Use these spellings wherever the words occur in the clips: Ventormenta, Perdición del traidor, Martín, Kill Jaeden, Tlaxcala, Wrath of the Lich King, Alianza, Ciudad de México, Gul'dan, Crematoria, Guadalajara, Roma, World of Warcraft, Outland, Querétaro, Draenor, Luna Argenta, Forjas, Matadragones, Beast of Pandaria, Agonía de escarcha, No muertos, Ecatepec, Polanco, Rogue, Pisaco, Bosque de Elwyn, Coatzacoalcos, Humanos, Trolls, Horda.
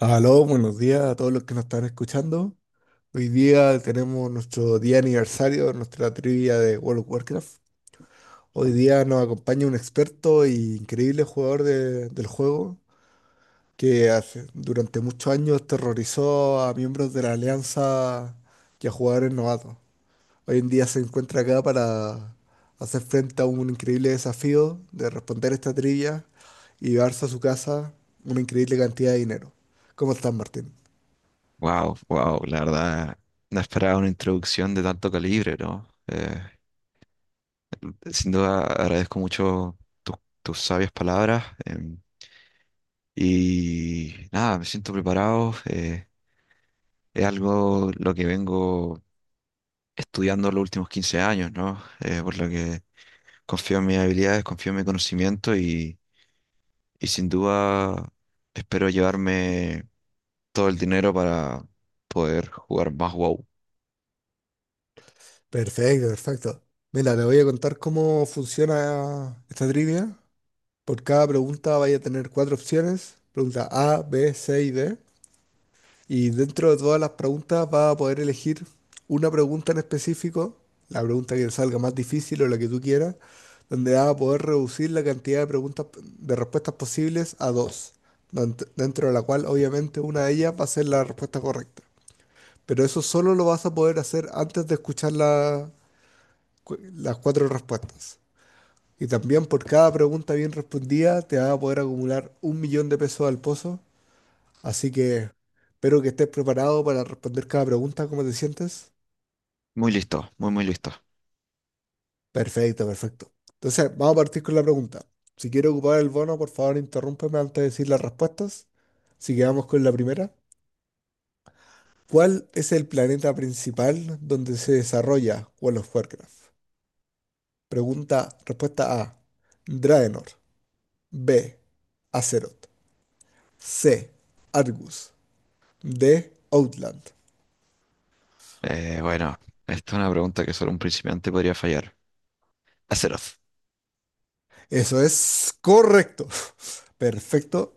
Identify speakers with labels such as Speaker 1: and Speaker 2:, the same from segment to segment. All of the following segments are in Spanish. Speaker 1: Aló, buenos días a todos los que nos están escuchando. Hoy día tenemos nuestro día aniversario, nuestra trivia de World of Warcraft. Hoy día nos acompaña un experto y increíble jugador del juego que durante muchos años terrorizó a miembros de la Alianza y a jugadores novatos. Hoy en día se encuentra acá para hacer frente a un increíble desafío de responder esta trivia y llevarse a su casa una increíble cantidad de dinero. ¿Cómo estás, Martín?
Speaker 2: Wow, wow, la verdad, no esperaba una introducción de tanto calibre, ¿no? Sin duda agradezco mucho tus tus sabias palabras. Y nada, me siento preparado. Es algo lo que vengo estudiando los últimos 15 años, ¿no? Por lo que confío en mis habilidades, confío en mi conocimiento y sin duda espero llevarme todo el dinero para poder jugar más WoW.
Speaker 1: Perfecto, perfecto. Mira, te voy a contar cómo funciona esta trivia. Por cada pregunta vaya a tener cuatro opciones. Pregunta A, B, C y D. Y dentro de todas las preguntas va a poder elegir una pregunta en específico, la pregunta que salga más difícil o la que tú quieras, donde va a poder reducir la cantidad de preguntas, de respuestas posibles a dos, dentro de la cual obviamente una de ellas va a ser la respuesta correcta. Pero eso solo lo vas a poder hacer antes de escuchar las cuatro respuestas. Y también por cada pregunta bien respondida te vas a poder acumular un millón de pesos al pozo. Así que espero que estés preparado para responder cada pregunta. ¿Cómo te sientes?
Speaker 2: Muy listo, muy, muy listo.
Speaker 1: Perfecto, perfecto. Entonces, vamos a partir con la pregunta. Si quiero ocupar el bono, por favor, interrúmpeme antes de decir las respuestas. Así que vamos con la primera. ¿Cuál es el planeta principal donde se desarrolla World of Warcraft? Pregunta, respuesta A, Draenor. B, Azeroth. C, Argus. D, Outland.
Speaker 2: Bueno, esta es una pregunta que solo un principiante podría fallar. Azeroth.
Speaker 1: Eso es correcto. Perfecto.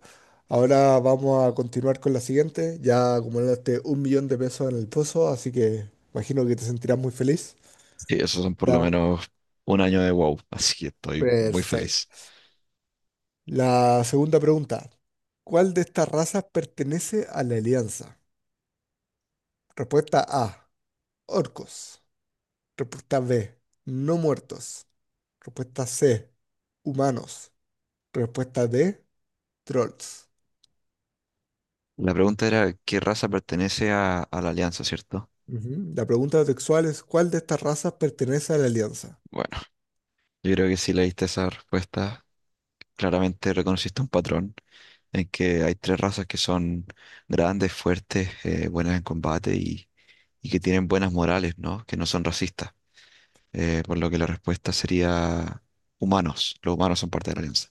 Speaker 1: Ahora vamos a continuar con la siguiente. Ya acumulaste un millón de pesos en el pozo, así que imagino que te sentirás muy feliz.
Speaker 2: Sí, esos son por lo
Speaker 1: Ya.
Speaker 2: menos un año de WoW, así que estoy muy
Speaker 1: Perfecto.
Speaker 2: feliz.
Speaker 1: La segunda pregunta. ¿Cuál de estas razas pertenece a la Alianza? Respuesta A, orcos. Respuesta B, no muertos. Respuesta C, humanos. Respuesta D, trolls.
Speaker 2: La pregunta era, ¿qué raza pertenece a la Alianza, cierto?
Speaker 1: Ujú. La pregunta textual es, ¿cuál de estas razas pertenece a la Alianza?
Speaker 2: Bueno, yo creo que si leíste esa respuesta, claramente reconociste un patrón en que hay tres razas que son grandes, fuertes, buenas en combate y que tienen buenas morales, ¿no? Que no son racistas. Por lo que la respuesta sería humanos. Los humanos son parte de la Alianza.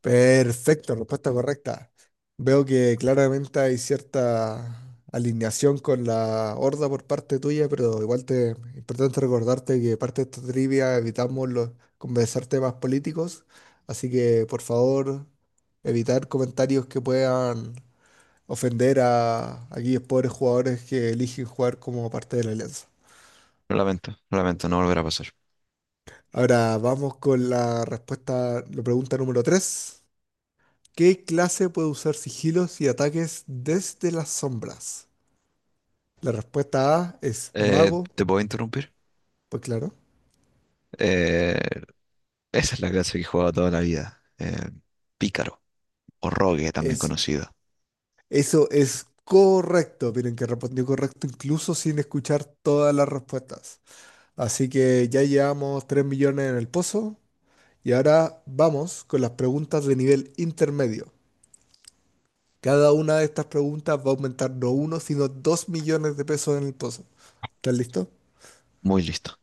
Speaker 1: Perfecto, respuesta correcta. Veo que claramente hay cierta alineación con la Horda por parte tuya, pero igual es importante recordarte que parte de esta trivia evitamos conversar temas políticos, así que por favor evitar comentarios que puedan ofender a aquellos pobres jugadores que eligen jugar como parte de la Alianza.
Speaker 2: Lamento, lamento, no volverá a pasar.
Speaker 1: Ahora vamos con la pregunta número 3. ¿Qué clase puede usar sigilos y ataques desde las sombras? La respuesta A es mago.
Speaker 2: ¿Te puedo interrumpir?
Speaker 1: Pues claro.
Speaker 2: Eh, esa es la clase que he jugado toda la vida. Pícaro, o Rogue, también
Speaker 1: Es,
Speaker 2: conocido.
Speaker 1: eso es correcto. Miren que respondió correcto incluso sin escuchar todas las respuestas. Así que ya llevamos 3 millones en el pozo y ahora vamos con las preguntas de nivel intermedio. Cada una de estas preguntas va a aumentar no uno, sino 2 millones de pesos en el pozo. ¿Estás listo?
Speaker 2: Muy listo.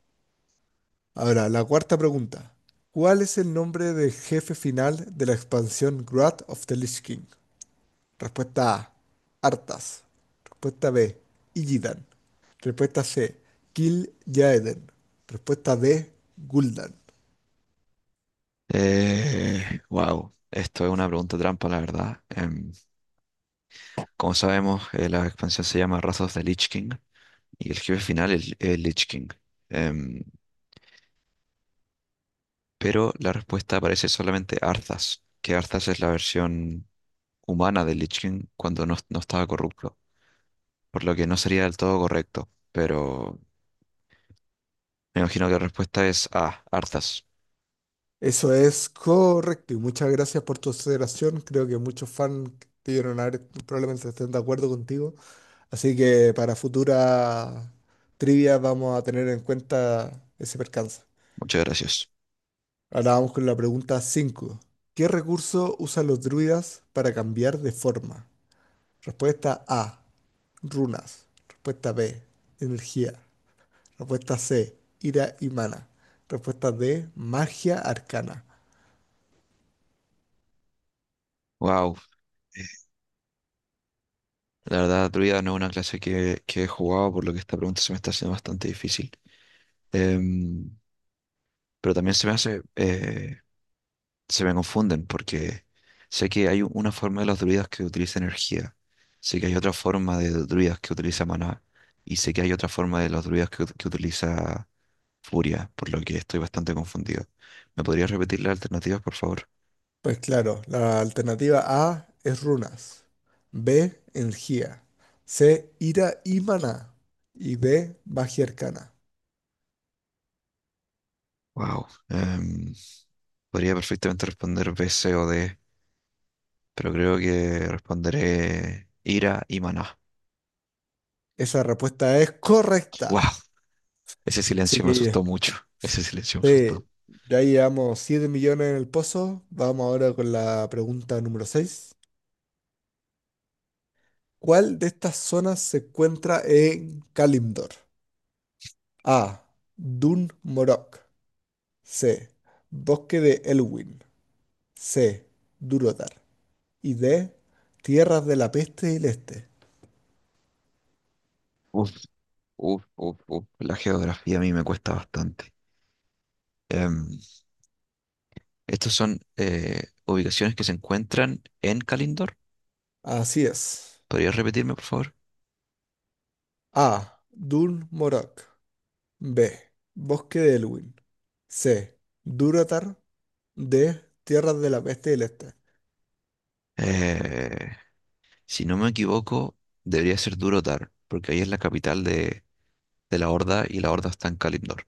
Speaker 1: Ahora, la cuarta pregunta. ¿Cuál es el nombre del jefe final de la expansión Wrath of the Lich King? Respuesta A, Arthas. Respuesta B, Illidan. Respuesta C, Kill Jaeden. Respuesta D, Gul'dan.
Speaker 2: Wow, esto es una pregunta trampa, la verdad. Como sabemos, la expansión se llama Wrath of the Lich King y el jefe final es el Lich King. Em, pero la respuesta aparece solamente Arthas, que Arthas es la versión humana del Lich King cuando no, no estaba corrupto, por lo que no sería del todo correcto. Pero me imagino que la respuesta es A, Arthas.
Speaker 1: Eso es correcto y muchas gracias por tu consideración. Creo que muchos fans de Iron probablemente estén de acuerdo contigo. Así que para futuras trivias vamos a tener en cuenta ese percance.
Speaker 2: Muchas gracias.
Speaker 1: Ahora vamos con la pregunta 5. ¿Qué recurso usan los druidas para cambiar de forma? Respuesta A, runas. Respuesta B, energía. Respuesta C, ira y mana. Respuesta D, magia arcana.
Speaker 2: Wow, la verdad, Druida no es una clase que he jugado, por lo que esta pregunta se me está haciendo bastante difícil. Em, pero también se me hace. Se me confunden porque sé que hay una forma de los druidas que utiliza energía, sé que hay otra forma de druidas que utiliza maná y sé que hay otra forma de los druidas que utiliza furia, por lo que estoy bastante confundido. ¿Me podrías repetir las alternativas, por favor?
Speaker 1: Pues claro, la alternativa A es runas. B, energía. C, ira y mana. Y D, magia arcana.
Speaker 2: Wow, podría perfectamente responder B, C o D, pero creo que responderé ira y maná.
Speaker 1: Esa respuesta es correcta.
Speaker 2: Wow. Ese
Speaker 1: Así
Speaker 2: silencio me
Speaker 1: que
Speaker 2: asustó mucho. Ese silencio me asustó.
Speaker 1: sí, ya llevamos 7 millones en el pozo. Vamos ahora con la pregunta número seis. ¿Cuál de estas zonas se encuentra en Kalimdor? A, Dun Morok. C, Bosque de Elwyn. C, Durotar. Y D, Tierras de la Peste y el Este.
Speaker 2: Uf, uf, uf, uf. La geografía a mí me cuesta bastante. Em, Estas son ubicaciones que se encuentran en Kalindor.
Speaker 1: Así es.
Speaker 2: ¿Podrías repetirme, por favor?
Speaker 1: A, Dun Morok. B, Bosque de Elwyn. C, Durotar. De Tierras de la Peste del Este.
Speaker 2: Eh, si no me equivoco, debería ser Durotar, porque ahí es la capital de la Horda y la Horda está en Kalindor.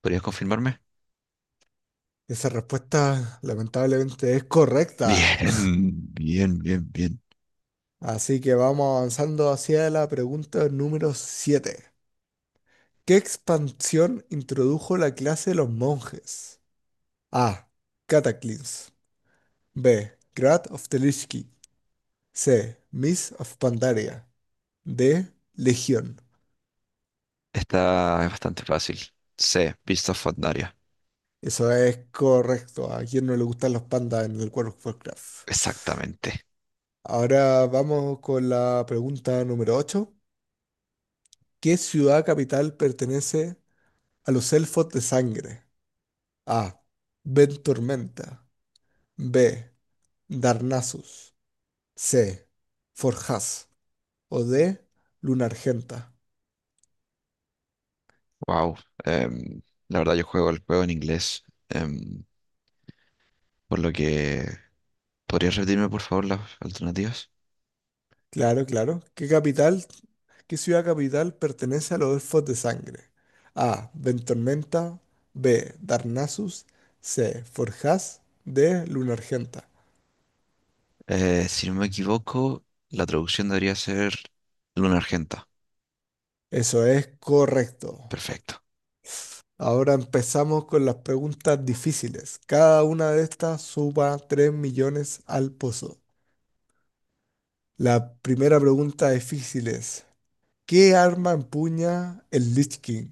Speaker 2: ¿Podrías confirmarme?
Speaker 1: Esa respuesta lamentablemente es correcta.
Speaker 2: Bien, bien, bien, bien.
Speaker 1: Así que vamos avanzando hacia la pregunta número 7. ¿Qué expansión introdujo la clase de los monjes? A, Cataclysm. B, Grad of Telishki. C, Miss of Pandaria. D, Legión.
Speaker 2: Esta es bastante fácil. C, Beast of Pandaria.
Speaker 1: Eso es correcto. ¿A quién no le gustan los pandas en el World of Warcraft?
Speaker 2: Exactamente.
Speaker 1: Ahora vamos con la pregunta número 8. ¿Qué ciudad capital pertenece a los elfos de sangre? A, Ventormenta. B, Darnassus. C, Forjas. O D, Luna Argenta.
Speaker 2: Wow. Em, la verdad, yo juego el juego en inglés, em, por lo que... ¿Podrías repetirme, por favor, las alternativas?
Speaker 1: Claro, claro. ¿Qué qué ciudad capital pertenece a los elfos de sangre? A, Ventormenta. B, Darnassus. C, Forjas. D, Luna Argenta.
Speaker 2: Si no me equivoco, la traducción debería ser Luna Argenta.
Speaker 1: Eso es correcto.
Speaker 2: Perfecto.
Speaker 1: Ahora empezamos con las preguntas difíciles. Cada una de estas suba 3 millones al pozo. La primera pregunta difícil es, ¿qué arma empuña el Lich King?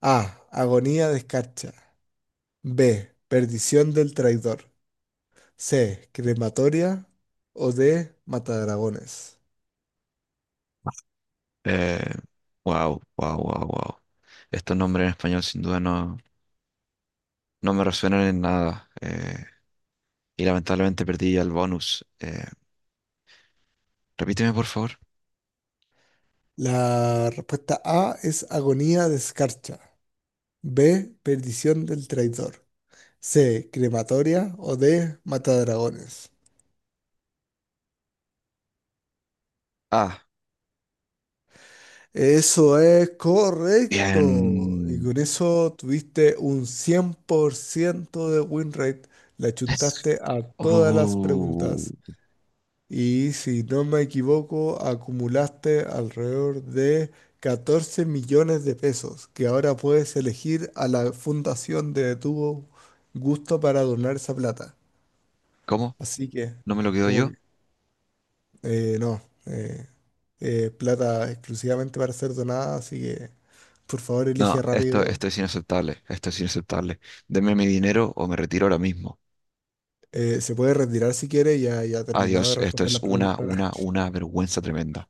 Speaker 1: A, Agonía de escarcha. B, Perdición del traidor. C, Crematoria. O D, Matadragones.
Speaker 2: Eh, wow, wow, wow, wow. Estos nombres en español sin duda no, no me resuenan en nada. Y lamentablemente perdí el bonus. Repíteme, por favor.
Speaker 1: La respuesta A es agonía de escarcha. B, Perdición del traidor. C, Crematoria. O D, Matadragones.
Speaker 2: Ah,
Speaker 1: Eso es correcto. Y
Speaker 2: bien.
Speaker 1: con eso tuviste un 100% de win rate. Le
Speaker 2: Es-
Speaker 1: achuntaste a todas las
Speaker 2: Uh,
Speaker 1: preguntas. Y si no me equivoco, acumulaste alrededor de 14 millones de pesos que ahora puedes elegir a la fundación de tu gusto para donar esa plata.
Speaker 2: ¿cómo?
Speaker 1: Así que,
Speaker 2: ¿No me lo quedo
Speaker 1: como
Speaker 2: yo?
Speaker 1: no, plata exclusivamente para ser donada, así que por favor elige
Speaker 2: No, esto,
Speaker 1: rápido.
Speaker 2: esto es inaceptable. Esto es inaceptable. Deme mi dinero o me retiro ahora mismo.
Speaker 1: Se puede retirar si quiere, ya terminó de
Speaker 2: Adiós, esto
Speaker 1: responder
Speaker 2: es
Speaker 1: la pregunta.
Speaker 2: una vergüenza tremenda.